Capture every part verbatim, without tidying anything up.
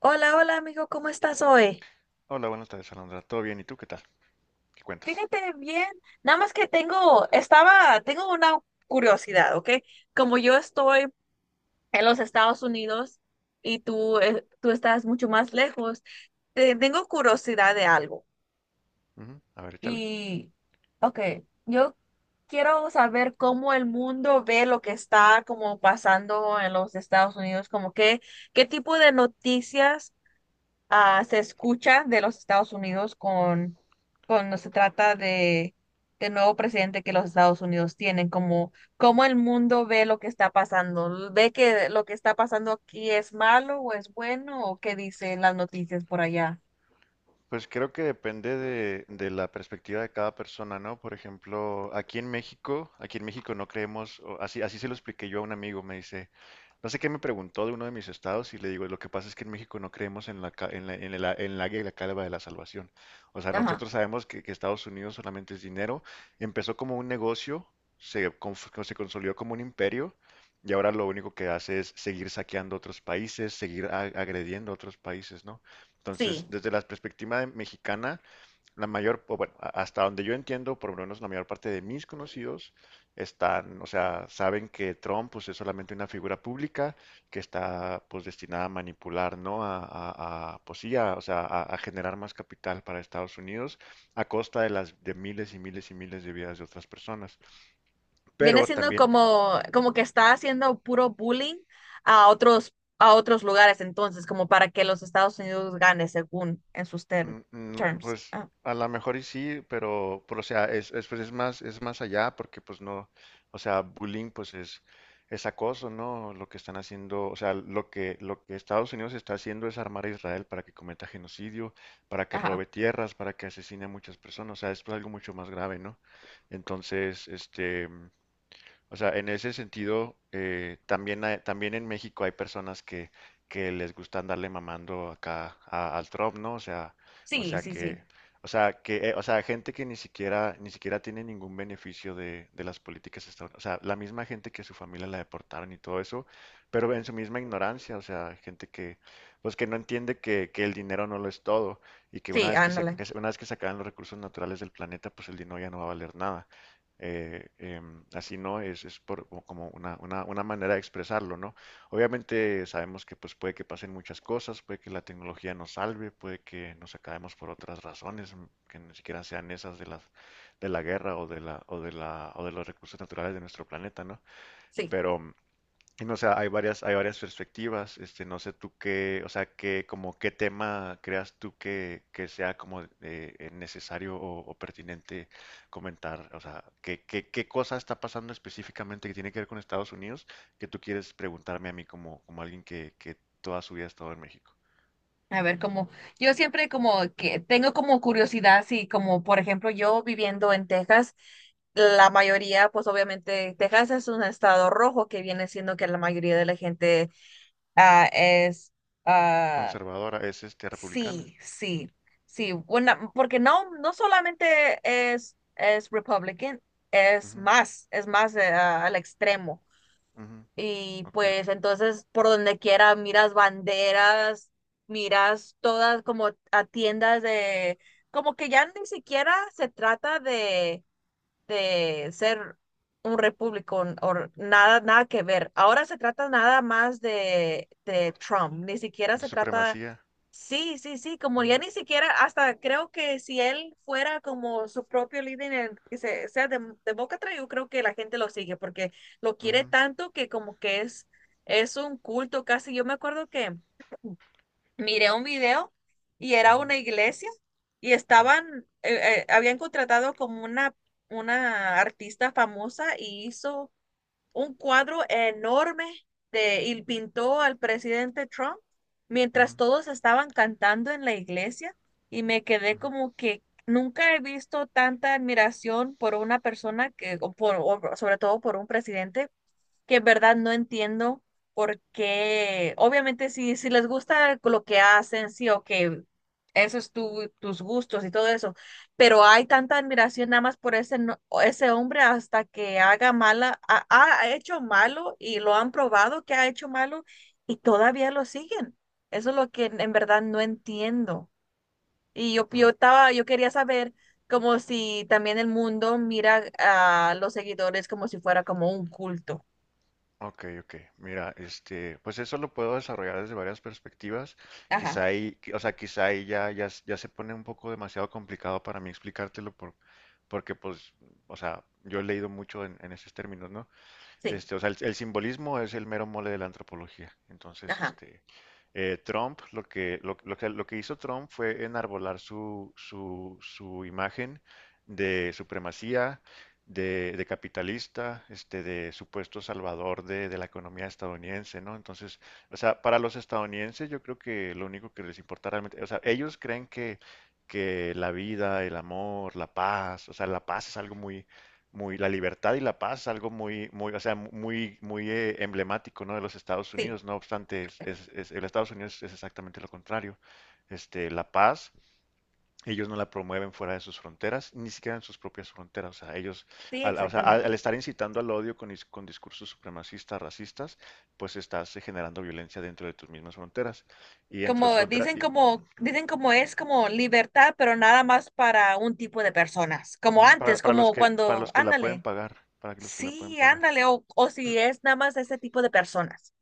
Hola, hola amigo, ¿cómo estás hoy? Hola, buenas tardes, Alondra. ¿Todo bien? ¿Y tú qué tal? ¿Qué cuentas? Fíjate bien, nada más que tengo, estaba, tengo una curiosidad, ¿ok? Como yo estoy en los Estados Unidos y tú, eh, tú estás mucho más lejos, te- tengo curiosidad de algo. Ujú. A ver, échale. Y, ok, yo quiero saber cómo el mundo ve lo que está como pasando en los Estados Unidos, como qué, qué tipo de noticias ah, se escucha de los Estados Unidos con cuando se trata de, de nuevo presidente que los Estados Unidos tienen, como cómo el mundo ve lo que está pasando, ve que lo que está pasando aquí es malo o es bueno o qué dicen las noticias por allá. Pues creo que depende de, de la perspectiva de cada persona, ¿no? Por ejemplo, aquí en México, aquí en México no creemos, o así, así se lo expliqué yo a un amigo, me dice, no sé qué me preguntó de uno de mis estados y le digo, lo que pasa es que en México no creemos en la, ca- en la, en la, en la águila la calva de la salvación. O sea, Ajá, nosotros sabemos que, que Estados Unidos solamente es dinero, empezó como un negocio, se, conf- se consolidó como un imperio y ahora lo único que hace es seguir saqueando otros países, seguir a- agrediendo a otros países, ¿no? sí. Entonces, desde la perspectiva de mexicana, la mayor, o bueno, a- hasta donde yo entiendo, por lo menos la mayor parte de mis conocidos están, o sea, saben que Trump, pues, es solamente una figura pública que está, pues, destinada a manipular, ¿no? A, a- a, pues sí, a, o sea, a, a generar más capital para Estados Unidos a costa de las de miles y miles y miles de vidas de otras personas. Viene Pero siendo también. como, como que está haciendo puro bullying a otros, a otros lugares entonces, como para que los Estados Unidos gane según en sus term- Mm, mm, terms. Pues Ah, a lo mejor y sí, pero, pero, o sea, es, es, pues, es más, es más allá porque pues no, o sea, bullying pues es, es acoso, ¿no? Lo que están haciendo, o sea, lo que, lo que Estados Unidos está haciendo es armar a Israel para que cometa genocidio, para que ajá, robe tierras, para que asesine a muchas personas. O sea, esto es algo mucho más grave, ¿no? Entonces, este, o sea, en ese sentido, eh, también, hay- también en México hay personas que, que les gusta andarle mamando acá a- al Trump, ¿no? O sea, o sí, sea sí, que, sí. o sea que, eh, O sea, gente que ni siquiera, ni siquiera tiene ningún beneficio de, de las políticas estadounidenses. O sea, la misma gente que su familia la deportaron y todo eso, pero en su misma ignorancia, o sea, gente que, pues que no entiende que, que el dinero no lo es todo y que una Sí, vez que se, ándale. que se- una vez que se acaban los recursos naturales del planeta, pues el dinero ya no va a valer nada. Eh, em, así no es, es por, o como una, una- una manera de expresarlo, ¿no? Obviamente sabemos que pues puede que pasen muchas cosas, puede que la tecnología nos salve, puede que nos acabemos por otras razones, mm, que ni siquiera sean esas de las de la guerra o de la o de la o de los recursos naturales de nuestro planeta, ¿no? Sí, Pero mm, y no, o sea, hay varias, hay varias perspectivas. Este, no sé tú qué, o sea, qué, como qué tema creas tú que, que sea como eh, eh, necesario o, o pertinente comentar. O sea, qué, qué, qué cosa está pasando específicamente que tiene que ver con Estados Unidos que tú quieres preguntarme a mí como, como alguien que, que toda su vida ha estado en México. a ver, como yo siempre como que tengo como curiosidad, si como por ejemplo yo viviendo en Texas, la mayoría, pues obviamente Texas es un estado rojo que viene siendo que la mayoría de la gente ah, es, ah, Conservadora, es este republicana. sí, sí, sí, una- porque no, no solamente es, es Republican, es Ujú, más, es más eh, ah, al extremo. ujú, Y ok, ok. pues entonces por donde quiera miras banderas, miras todas como a tiendas de, como que ya ni siquiera se trata de, de ser un repúblico o nada, nada que ver. Ahora se trata nada más de, de Trump, ni siquiera De se trata. supremacía. Sí, sí, sí, como Ujú, ya ni siquiera, hasta creo que si él fuera como su propio líder, en el que se, sea de, de boca atrás, yo creo que la gente lo sigue porque lo quiere ujú, tanto que como que es, es un culto casi. Yo me acuerdo que miré un video y era ujú, una iglesia y estaban, eh, eh, habían contratado como una, una artista famosa y hizo un cuadro enorme de, y pintó al presidente Trump mientras ujú, todos estaban cantando en la iglesia y me quedé ujú, como que nunca he visto tanta admiración por una persona que, o por, o sobre todo por un presidente que en verdad no entiendo por qué, obviamente si, si les gusta lo que hacen, sí, o que esos tu, tus gustos y todo eso, pero hay tanta admiración nada más por ese, no- ese hombre hasta que haga mala, ha, ha hecho malo y lo han probado que ha hecho malo y todavía lo siguen. Eso es lo que en en verdad no entiendo. Y yo, yo ujú. estaba, yo quería saber como si también el mundo mira a los seguidores como si fuera como un culto. Ok, ok. Mira, este, pues eso lo puedo desarrollar desde varias perspectivas. Ajá. Quizá ahí, qui- o sea, quizá ahí ya, ya, s- ya se pone un poco demasiado complicado para mí explicártelo por, porque pues, o sea, yo he leído mucho en, en esos términos, ¿no? Sí, Este, o sea, el, el simbolismo es el mero mole de la antropología. Entonces, ajá, este, eh, Trump, lo que, lo, lo que, lo que hizo Trump fue enarbolar su, su, su imagen de supremacía, de, de capitalista, este, de supuesto salvador de, de la economía estadounidense, ¿no? Entonces, o sea, para los estadounidenses yo creo que lo único que les importa realmente, o sea, ellos creen que, que la vida, el amor, la paz, o sea, la paz es algo muy, muy la libertad y la paz, algo muy, muy, o sea, muy, muy eh, emblemático, ¿no?, de los Estados sí, Unidos. No obstante, es, es- es- el Estados Unidos es exactamente lo contrario. Este, la paz, ellos no la promueven fuera de sus fronteras, ni siquiera en sus propias fronteras. O sea, ellos, sí, al, o sea, al- al exactamente. estar incitando al odio con, dis- con discursos supremacistas, racistas, pues estás eh, generando violencia dentro de tus mismas fronteras. Y dentro de Como las fronteras, dicen y como, dicen como es como libertad, pero nada más para un tipo de personas, como ujú, para, antes, para los como que, para cuando, los que la pueden ándale, pagar, para los que la pueden sí, pagar. ándale, o, o si es nada más ese tipo de personas.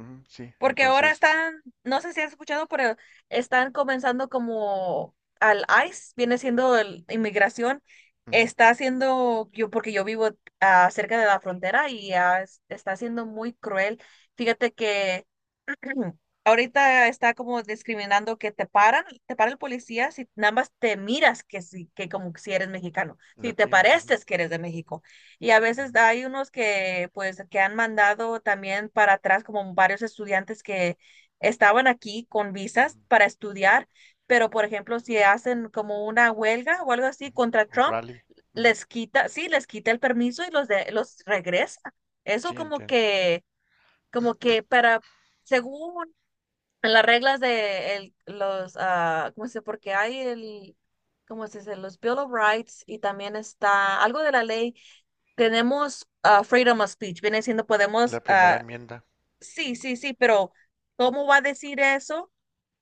Ujú, sí, Porque ahora entonces, están, no sé si has escuchado, pero están comenzando como al ais, viene siendo el- inmigración, ujú, está haciendo, yo, porque yo vivo ah, cerca de la frontera y ah, es- está siendo muy cruel. Fíjate que ahorita está como discriminando que te paran, te para el policía si nada más te miras que sí, que como si eres mexicano, si te latino. Ujú. pareces que eres de México. Y a veces Ujú, hay unos que pues que han mandado también para atrás como varios estudiantes que estaban aquí con visas ujú. para estudiar, pero por ejemplo si hacen como una huelga o algo así contra Un Trump, rally. Ujú. les quita, sí, les quita el permiso y los de, los regresa. Eso Sí, como entiendo. que, como que para según en las reglas de el- los, ah, ¿cómo se dice? Porque hay el, ¿cómo se dice? Los Bill of Rights y también está algo de la ley. Tenemos ah, freedom of speech. Viene siendo, podemos, La primera ah, enmienda. sí, sí, sí, pero ¿cómo va a decir eso?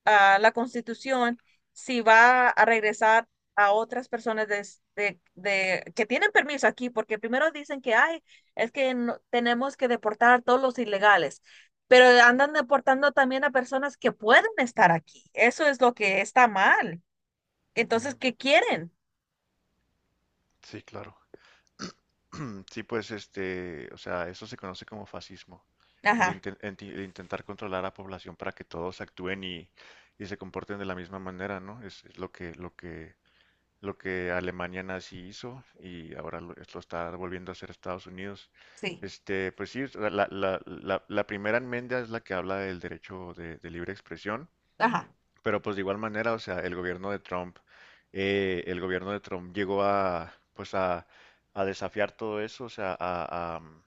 Ah, la Constitución si va a regresar a otras personas de de, de- que tienen permiso aquí, porque primero dicen que ay es que no- tenemos que deportar a todos los ilegales, pero andan deportando también a personas que pueden estar aquí. Eso es lo que está mal. Entonces, Ujú. ¿qué quieren? Sí, claro. Sí, pues este, o sea, eso se conoce como fascismo. El, Ajá, inten- enti- el intentar controlar a la población para que todos actúen y, y se comporten de la misma manera, ¿no? Es, es lo que, lo que, lo que Alemania nazi hizo y ahora lo, es- lo está volviendo a hacer Estados Unidos. sí, Este, pues sí, la, la, la, la- la primera enmienda es la que habla del derecho de de libre expresión. ajá, Pero pues de igual manera, o sea, el gobierno de Trump, eh, el gobierno de Trump llegó a, pues a, a desafiar todo eso, o sea, a, a, mm,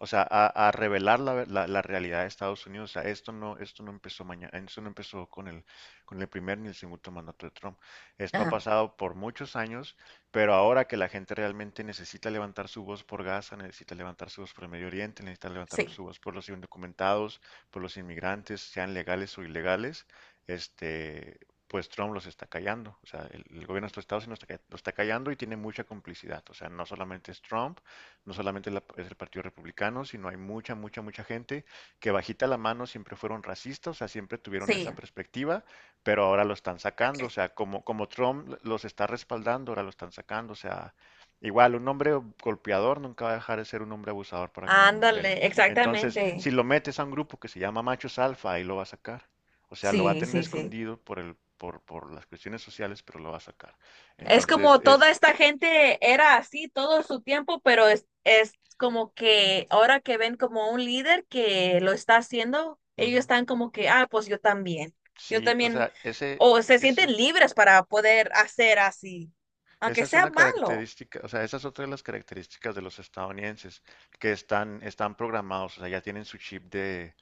o sea, a, a revelar la, ve- la- la realidad de Estados Unidos. O sea, esto no, esto no empezó mañana, esto no empezó con el, con el primer ni el segundo mandato de Trump. Esto ha ajá, pasado por muchos años, pero ahora que la gente realmente necesita levantar su voz por Gaza, necesita levantar su voz por el Medio Oriente, necesita levantar sí, su voz por los indocumentados, por los inmigrantes, sean legales o ilegales, este, pues Trump los está callando. O sea, el, el gobierno de estos estados los está, los está callando y tiene mucha complicidad. O sea, no solamente es Trump, no solamente la- es el Partido Republicano, sino hay mucha, mucha, mucha gente que bajita la mano siempre fueron racistas, o sea, siempre tuvieron sí. esa perspectiva, pero ahora lo están sacando. O sea, como, como Trump los está respaldando, ahora lo están sacando. O sea, igual, un hombre golpeador nunca va a dejar de ser un hombre abusador para con las mujeres. Ándale, Entonces, si exactamente. lo metes a un grupo que se llama Machos Alfa, ahí lo va a sacar. O sea, lo va a Sí, tener sí, sí. escondido por el, por, por las cuestiones sociales, pero lo va a sacar. Es Entonces como toda es, esta gente era así todo su tiempo, pero es, es como que ahora que ven como un líder que lo está haciendo, ellos ujú, están como que, ah, pues yo también, yo sí, o también, sea, ese, o se ese, sienten libres para poder hacer así, aunque esa es sea una malo. característica, o sea, esa es otra de las características de los estadounidenses que están, están programados, o sea, ya tienen su chip de,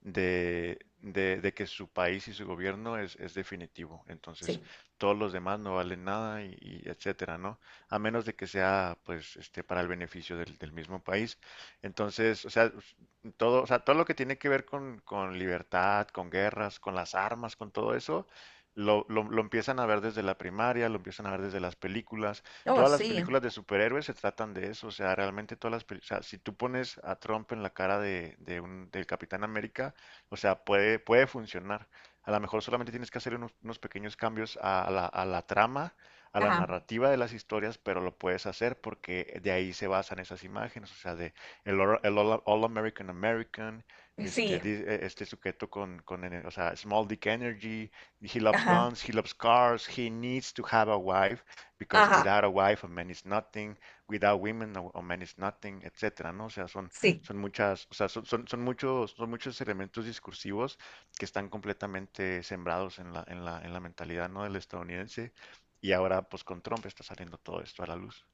de, de- de que su país y su gobierno es, es definitivo. Entonces, Sí, todos los demás no valen nada y, y etcétera, ¿no? A menos de que sea, pues, este, para el beneficio del, del mismo país. Entonces, o sea, us- todo, o sea, todo lo que tiene que ver con, con libertad, con guerras, con las armas, con todo eso, lo, lo, lo empiezan a ver desde la primaria, lo empiezan a ver desde las películas. oh, Todas las sí, películas de superhéroes se tratan de eso, o sea, realmente todas las películas, o sea, si tú pones a Trump en la cara de, de un, del Capitán América, o sea, puede, puede funcionar. A lo mejor solamente tienes que hacer unos, unos pequeños cambios a a la, a la trama, a la ajá, narrativa de las historias, pero lo puedes hacer porque de ahí se basan esas imágenes, o sea, de el, All- el All, All American American, este, sí, di- eh, este sujeto con, con, ene- o sea, Small Dick Energy, he loves ajá, guns, he loves cars, he needs to have a wife because ajá, without a wife a man is nothing, without women a, man is nothing, etcétera, ¿no? O sea, son, sí. son muchas, o sea, son, son, son muchos, son muchos elementos discursivos que están completamente sembrados en la, en la, en la mentalidad, ¿no?, del estadounidense y ahora pues con Trump está saliendo todo esto a la luz.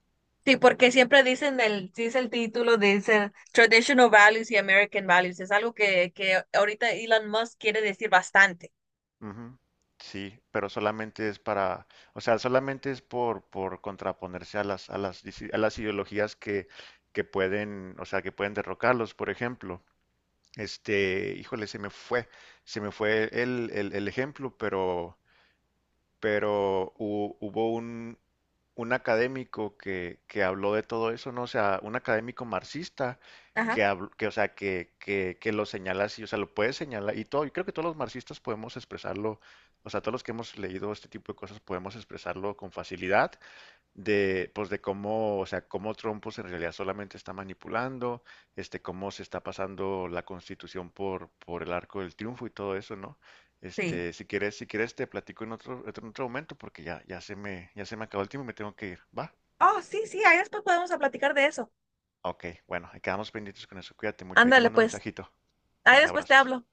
Sí, porque siempre dicen el, dice el título, dice Traditional Values y American Values. Es algo que, que ahorita Elon Musk quiere decir bastante. Ujú. Sí, pero solamente es para, o sea, solamente es por, por contraponerse a las, a las, disi- a las ideologías que, que pueden, o sea, que pueden derrocarlos, por ejemplo. Este, híjole, se me fue, se me fue el, el- el ejemplo, pero, pero hu- hubo un, un académico que, que habló de todo eso, ¿no? O sea, un académico marxista Ajá, que, habl- que o sea, que, que, que lo señala así, o sea, lo puede señalar, y todo, y creo que todos los marxistas podemos expresarlo, o sea, todos los que hemos leído este tipo de cosas podemos expresarlo con facilidad, de, pues de cómo, o sea, cómo Trump pues, en realidad solamente está manipulando, este, cómo se está pasando la Constitución por, por el arco del triunfo y todo eso, ¿no? sí. Este, si quieres, si quieres te platico en otro, en otro momento porque ya, ya se me, ya se me acabó el tiempo y me tengo que ir, ¿va? Oh, sí, sí, ahí después podemos a platicar de eso. Ok, bueno, ahí quedamos pendientes con eso, cuídate mucho, ahí te Ándale, mando un pues. mensajito. Ahí Bye, después te abrazos. hablo.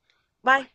Bye. Bye.